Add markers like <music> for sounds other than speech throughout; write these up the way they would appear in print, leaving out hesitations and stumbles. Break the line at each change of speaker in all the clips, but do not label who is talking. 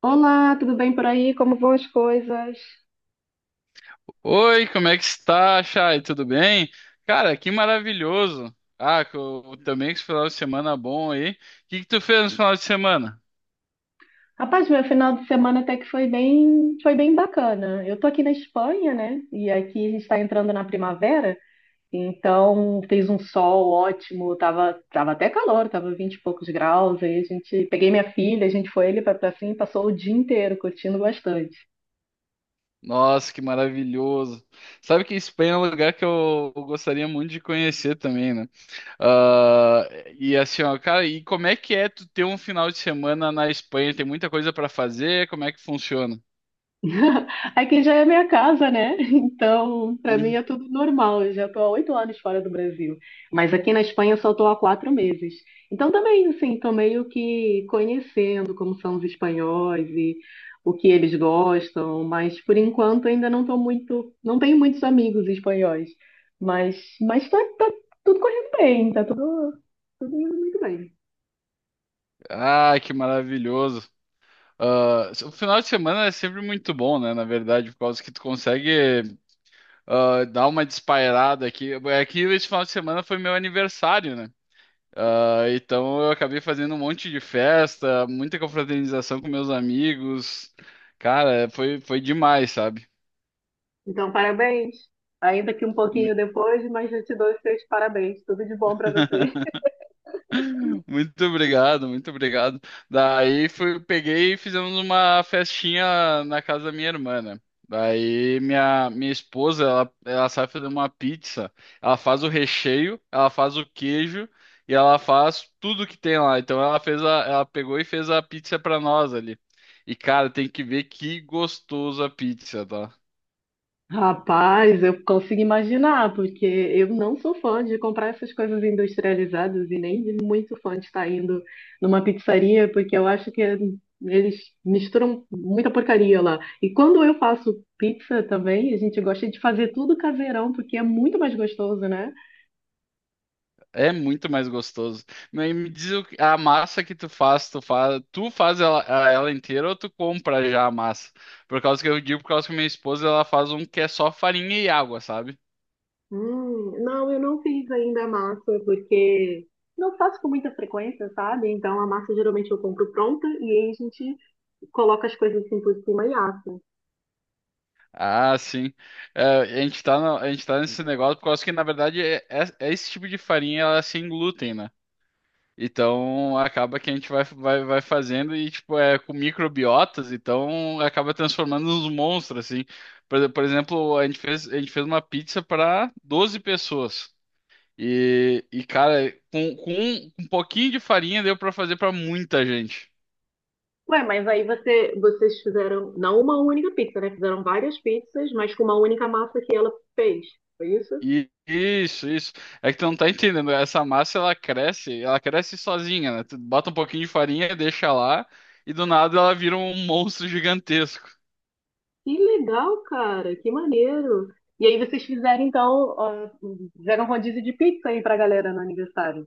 Olá, tudo bem por aí? Como vão as coisas?
Oi, como é que está, Chay? Tudo bem? Cara, que maravilhoso. Ah, também que esse final de semana bom aí. O que tu fez no final de semana?
Rapaz, meu final de semana até que foi bem bacana. Eu tô aqui na Espanha, né? E aqui a gente está entrando na primavera, então fez um sol ótimo, tava até calor, tava 20 e poucos graus. Aí a gente peguei minha filha, a gente foi ali para pra pra e passou o dia inteiro curtindo bastante.
Nossa, que maravilhoso. Sabe que Espanha é um lugar que eu gostaria muito de conhecer também, né? Ah, e assim, ó, cara, e como é que é tu ter um final de semana na Espanha? Tem muita coisa para fazer? Como é que funciona?
<laughs> Aqui já é minha casa, né? Então, para mim
Hum.
é tudo normal. Eu já estou há 8 anos fora do Brasil. Mas aqui na Espanha eu só estou há 4 meses. Então, também, assim, estou meio que conhecendo como são os espanhóis e o que eles gostam. Mas, por enquanto, ainda não estou muito. Não tenho muitos amigos espanhóis. Mas tá tudo correndo bem. Tá tudo indo muito bem.
Ah, que maravilhoso. Ah, o final de semana é sempre muito bom, né? Na verdade, por causa que tu consegue. Ah, dá uma despairada aqui. É que esse final de semana foi meu aniversário, né? Ah, então eu acabei fazendo um monte de festa, muita confraternização com meus amigos. Cara, foi demais, sabe?
Então, parabéns. Ainda que um pouquinho depois, mas eu te dou os seus parabéns. Tudo de bom para você.
<laughs> Muito obrigado, muito obrigado. Daí fui, peguei e fizemos uma festinha na casa da minha irmã, né? Daí minha esposa, ela sabe fazer uma pizza. Ela faz o recheio, ela faz o queijo e ela faz tudo que tem lá. Então ela pegou e fez a pizza pra nós ali. E cara, tem que ver que gostoso a pizza, tá?
Rapaz, eu consigo imaginar, porque eu não sou fã de comprar essas coisas industrializadas e nem muito fã de estar indo numa pizzaria, porque eu acho que eles misturam muita porcaria lá. E quando eu faço pizza também, a gente gosta de fazer tudo caseirão, porque é muito mais gostoso, né?
É muito mais gostoso. Mas me diz o que- a massa que tu faz, tu faz ela inteira ou tu compra já a massa? Por causa que eu digo, por causa que minha esposa ela faz um que é só farinha e água, sabe?
Não, eu não fiz ainda a massa, porque não faço com muita frequência, sabe? Então a massa geralmente eu compro pronta e aí a gente coloca as coisas assim por cima e assa.
Ah, sim. É, a gente tá no- a gente tá nesse negócio por causa que, na verdade, é esse tipo de farinha ela é sem glúten, né? Então acaba que a gente vai fazendo e tipo é com microbiotas, então acaba transformando nos monstros assim. Por exemplo, a gente fez uma pizza para 12 pessoas. E cara, com um pouquinho de farinha deu para fazer para muita gente.
Ué, mas aí você, vocês fizeram não uma única pizza, né? Fizeram várias pizzas, mas com uma única massa que ela fez. Foi isso?
E isso, isso. É que tu não tá entendendo, essa massa ela cresce sozinha, né? Tu bota um pouquinho de farinha, deixa lá e do nada ela vira um monstro gigantesco.
Que legal, cara. Que maneiro. E aí vocês fizeram, então, ó, fizeram rodízio de pizza aí pra galera no aniversário.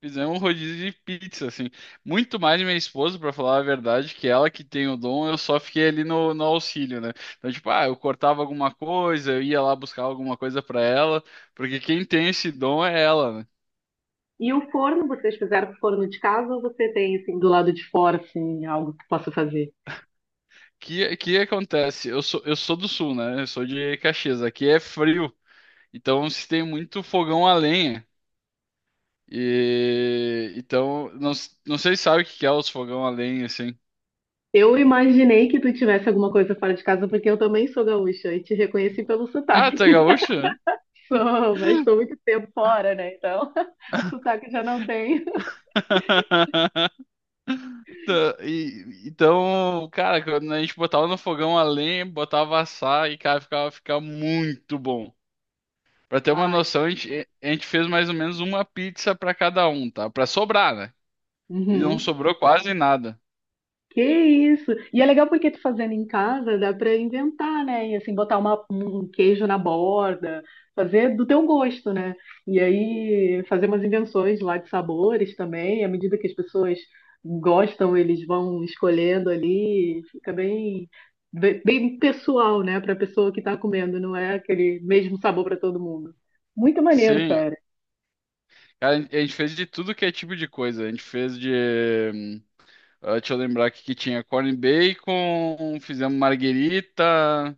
Fizemos um rodízio de pizza, assim. Muito mais minha esposa, pra falar a verdade, que ela que tem o dom, eu só fiquei ali no auxílio, né? Então, tipo, ah, eu cortava alguma coisa, eu ia lá buscar alguma coisa pra ela, porque quem tem esse dom é ela, né?
E o forno, vocês fizeram forno de casa ou você tem, assim, do lado de fora, assim, algo que possa fazer?
Que acontece? Eu sou do sul, né? Eu sou de Caxias. Aqui é frio, então se tem muito fogão a lenha. E então, não, não sei se sabe o que que é os fogão a lenha, assim.
Eu imaginei que tu tivesse alguma coisa fora de casa, porque eu também sou gaúcha e te reconheci pelo
Ah,
sotaque.
tu é
<laughs>
gaúcho?
Sou, mas estou muito tempo fora, né? Então, <laughs> sotaque já não tenho.
<laughs> Então, cara, quando a gente botava no fogão a lenha, botava assar e, cara, ficava muito bom. Pra ter uma
Ai,
noção, a gente fez mais ou menos uma pizza pra cada um, tá? Pra sobrar, né? E não
uhum.
sobrou quase nada.
Que isso! E é legal porque tu fazendo em casa, dá pra inventar, né? E assim, botar uma- um queijo na borda, fazer do teu gosto, né? E aí, fazer umas invenções lá de sabores também, à medida que as pessoas gostam, eles vão escolhendo ali, fica bem, bem, bem pessoal, né? Pra pessoa que tá comendo, não é aquele mesmo sabor pra todo mundo. Muito maneiro,
Sim,
cara.
cara, a gente fez de tudo que é tipo de coisa. A gente fez de. Hum, ah, deixa eu lembrar aqui que tinha corn bacon, fizemos marguerita.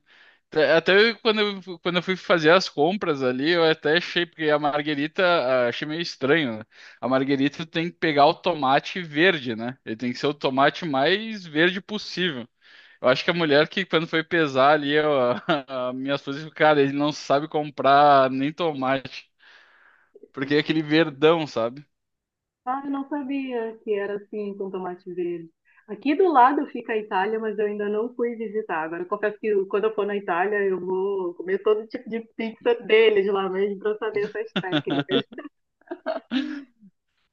É, quando quando eu fui fazer as compras ali, eu até achei, porque a Marguerita, ah, achei meio estranho, né? A Marguerita tem que pegar o tomate verde, né? Ele tem que ser o tomate mais verde possível. Eu acho que a mulher que, quando foi pesar ali, <laughs> a minha esposa disse, <laughs> cara, ele não sabe comprar nem tomate, porque é aquele verdão, sabe?
Ah, eu não sabia que era assim com tomate verde. Aqui do lado fica a Itália, mas eu ainda não fui visitar. Agora, eu confesso que quando eu for na Itália, eu vou comer todo tipo de pizza deles lá mesmo para saber essas técnicas.
<laughs>
<laughs>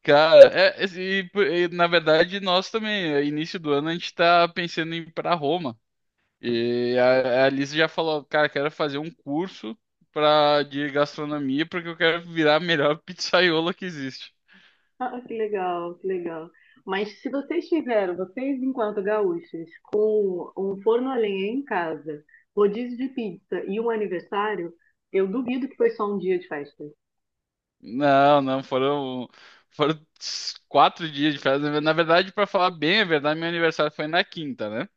Cara, e, na verdade, nós também, início do ano, a gente tá pensando em ir pra Roma. E a Alice já falou, cara, quero fazer um curso de gastronomia porque eu quero virar a melhor pizzaiola que existe.
Ah, que legal, que legal. Mas se vocês tiveram, vocês enquanto gaúchos, com um forno a lenha em casa, rodízio de pizza e um aniversário, eu duvido que foi só um dia de festa.
Não, foram 4 dias de festa. Na verdade, pra falar bem a verdade, meu aniversário foi na quinta, né?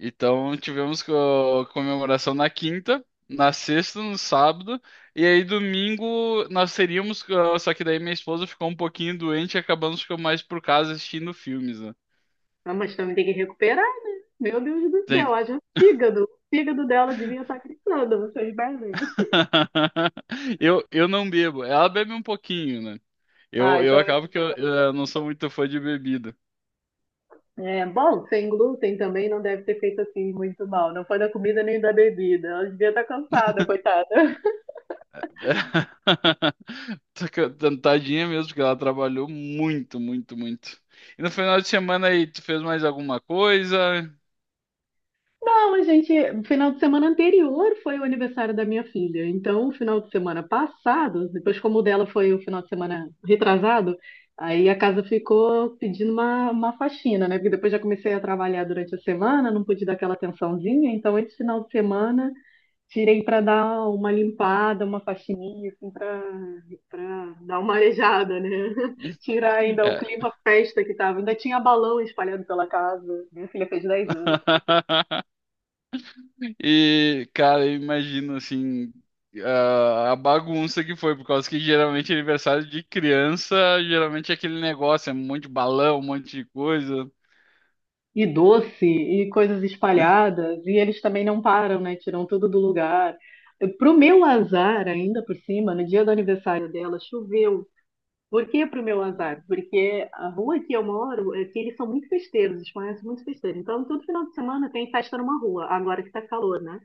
Então tivemos comemoração na quinta, na sexta, no sábado, e aí domingo só que daí minha esposa ficou um pouquinho doente e acabamos ficando mais por casa assistindo filmes, né?
Ah, mas também tem que recuperar, né? Meu Deus do
Tem
céu, haja fígado. O fígado dela devia estar gritando, vocês bebem.
<laughs> Eu não bebo. Ela bebe um pouquinho, né?
Ah,
Eu,
então.
eu não sou muito fã de bebida.
É, bom, sem glúten também não deve ter feito assim muito mal. Não foi da comida nem da bebida. Ela devia estar cansada, coitada.
<laughs> Tadinha mesmo, porque ela trabalhou muito, muito, muito. E no final de semana aí, tu fez mais alguma coisa?
Não, a gente, final de semana anterior foi o aniversário da minha filha. Então, o final de semana passado, depois como o dela foi o final de semana retrasado, aí a casa ficou pedindo uma faxina, né? Porque depois já comecei a trabalhar durante a semana, não pude dar aquela atençãozinha. Então, esse final de semana tirei para dar uma limpada, uma faxininha, assim, para dar uma arejada, né? <laughs>
<laughs>
Tirar ainda o
É.
clima festa que tava. Ainda tinha balão espalhado pela casa. Minha filha fez 10 anos.
<laughs> E, cara, eu imagino assim, a bagunça que foi, por causa que geralmente é aniversário de criança, geralmente é aquele negócio, é um monte de balão, um monte de coisa.
E doce e coisas espalhadas, e eles também não param, né? Tiram tudo do lugar. Pro meu azar, ainda por cima, no dia do aniversário dela, choveu. Por que pro meu azar? Porque a rua que eu moro, é que eles são muito festeiros, os espanhóis são muito festeiros. Então, todo final de semana tem festa numa rua, agora que tá calor, né?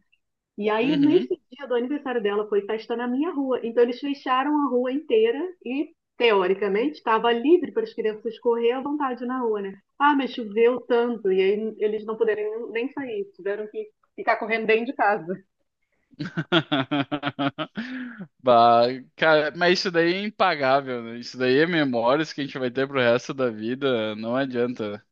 E aí,
Uhum.
nesse dia do aniversário dela, foi festa na minha rua. Então, eles fecharam a rua inteira e, teoricamente, estava livre para as crianças correr à vontade na rua, né? Ah, mas choveu tanto, e aí eles não puderam nem sair, tiveram que ficar correndo dentro de casa.
<laughs> Bah, cara, mas isso daí é impagável, né? Isso daí é memórias que a gente vai ter pro resto da vida, não adianta.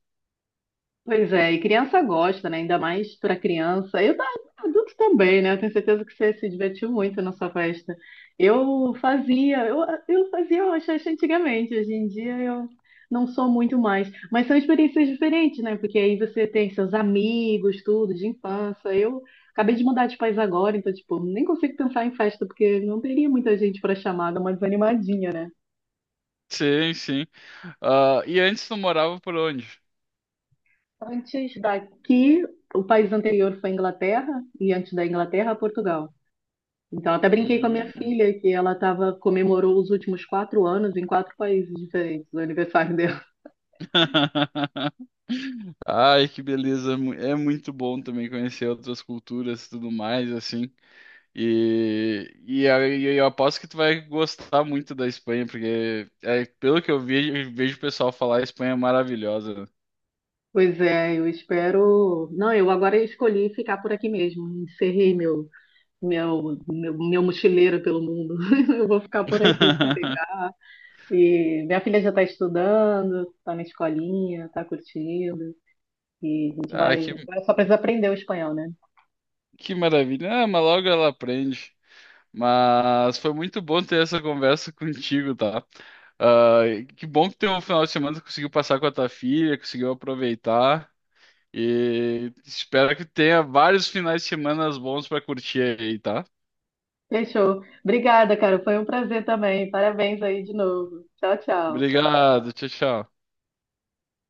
Pois é, e criança gosta, né? Ainda mais para criança. Adulto também, né? Eu tenho certeza que você se divertiu muito na sua festa. Eu fazia, eu, eu fazia rochacha antigamente, hoje em dia eu não sou muito mais. Mas são experiências diferentes, né? Porque aí você tem seus amigos, tudo, de infância. Eu acabei de mudar de país agora, então, tipo, nem consigo pensar em festa, porque não teria muita gente para chamar, dá uma desanimadinha, né?
Sim, sim. Ah, e antes tu morava por onde?
Antes daqui, o país anterior foi a Inglaterra, e antes da Inglaterra, Portugal. Então, até brinquei com a minha
Hum.
filha que ela tava, comemorou os últimos 4 anos em quatro países diferentes, o aniversário dela. <laughs>
<laughs> Ai, que beleza. É muito bom também conhecer outras culturas e tudo mais, assim. E, aí eu aposto que tu vai gostar muito da Espanha, porque é, pelo que eu vejo, vejo o pessoal falar, a Espanha é maravilhosa, né?
Pois é, eu espero. Não, eu agora escolhi ficar por aqui mesmo. Encerrei meu mochileiro pelo mundo. <laughs> Eu vou ficar por aqui,
<laughs>
sossegar. E minha filha já está estudando, está na escolinha, está curtindo. E a gente
Ah,
vai. Agora só precisa aprender o espanhol, né?
que maravilha. Ah, mas logo ela aprende. Mas foi muito bom ter essa conversa contigo, tá? Ah, que bom que teu final de semana tu conseguiu passar com a tua filha, conseguiu aproveitar. E espero que tenha vários finais de semana bons pra curtir aí, tá?
Fechou. Obrigada, cara. Foi um prazer também. Parabéns aí de novo. Tchau, tchau.
Obrigado, tchau, tchau.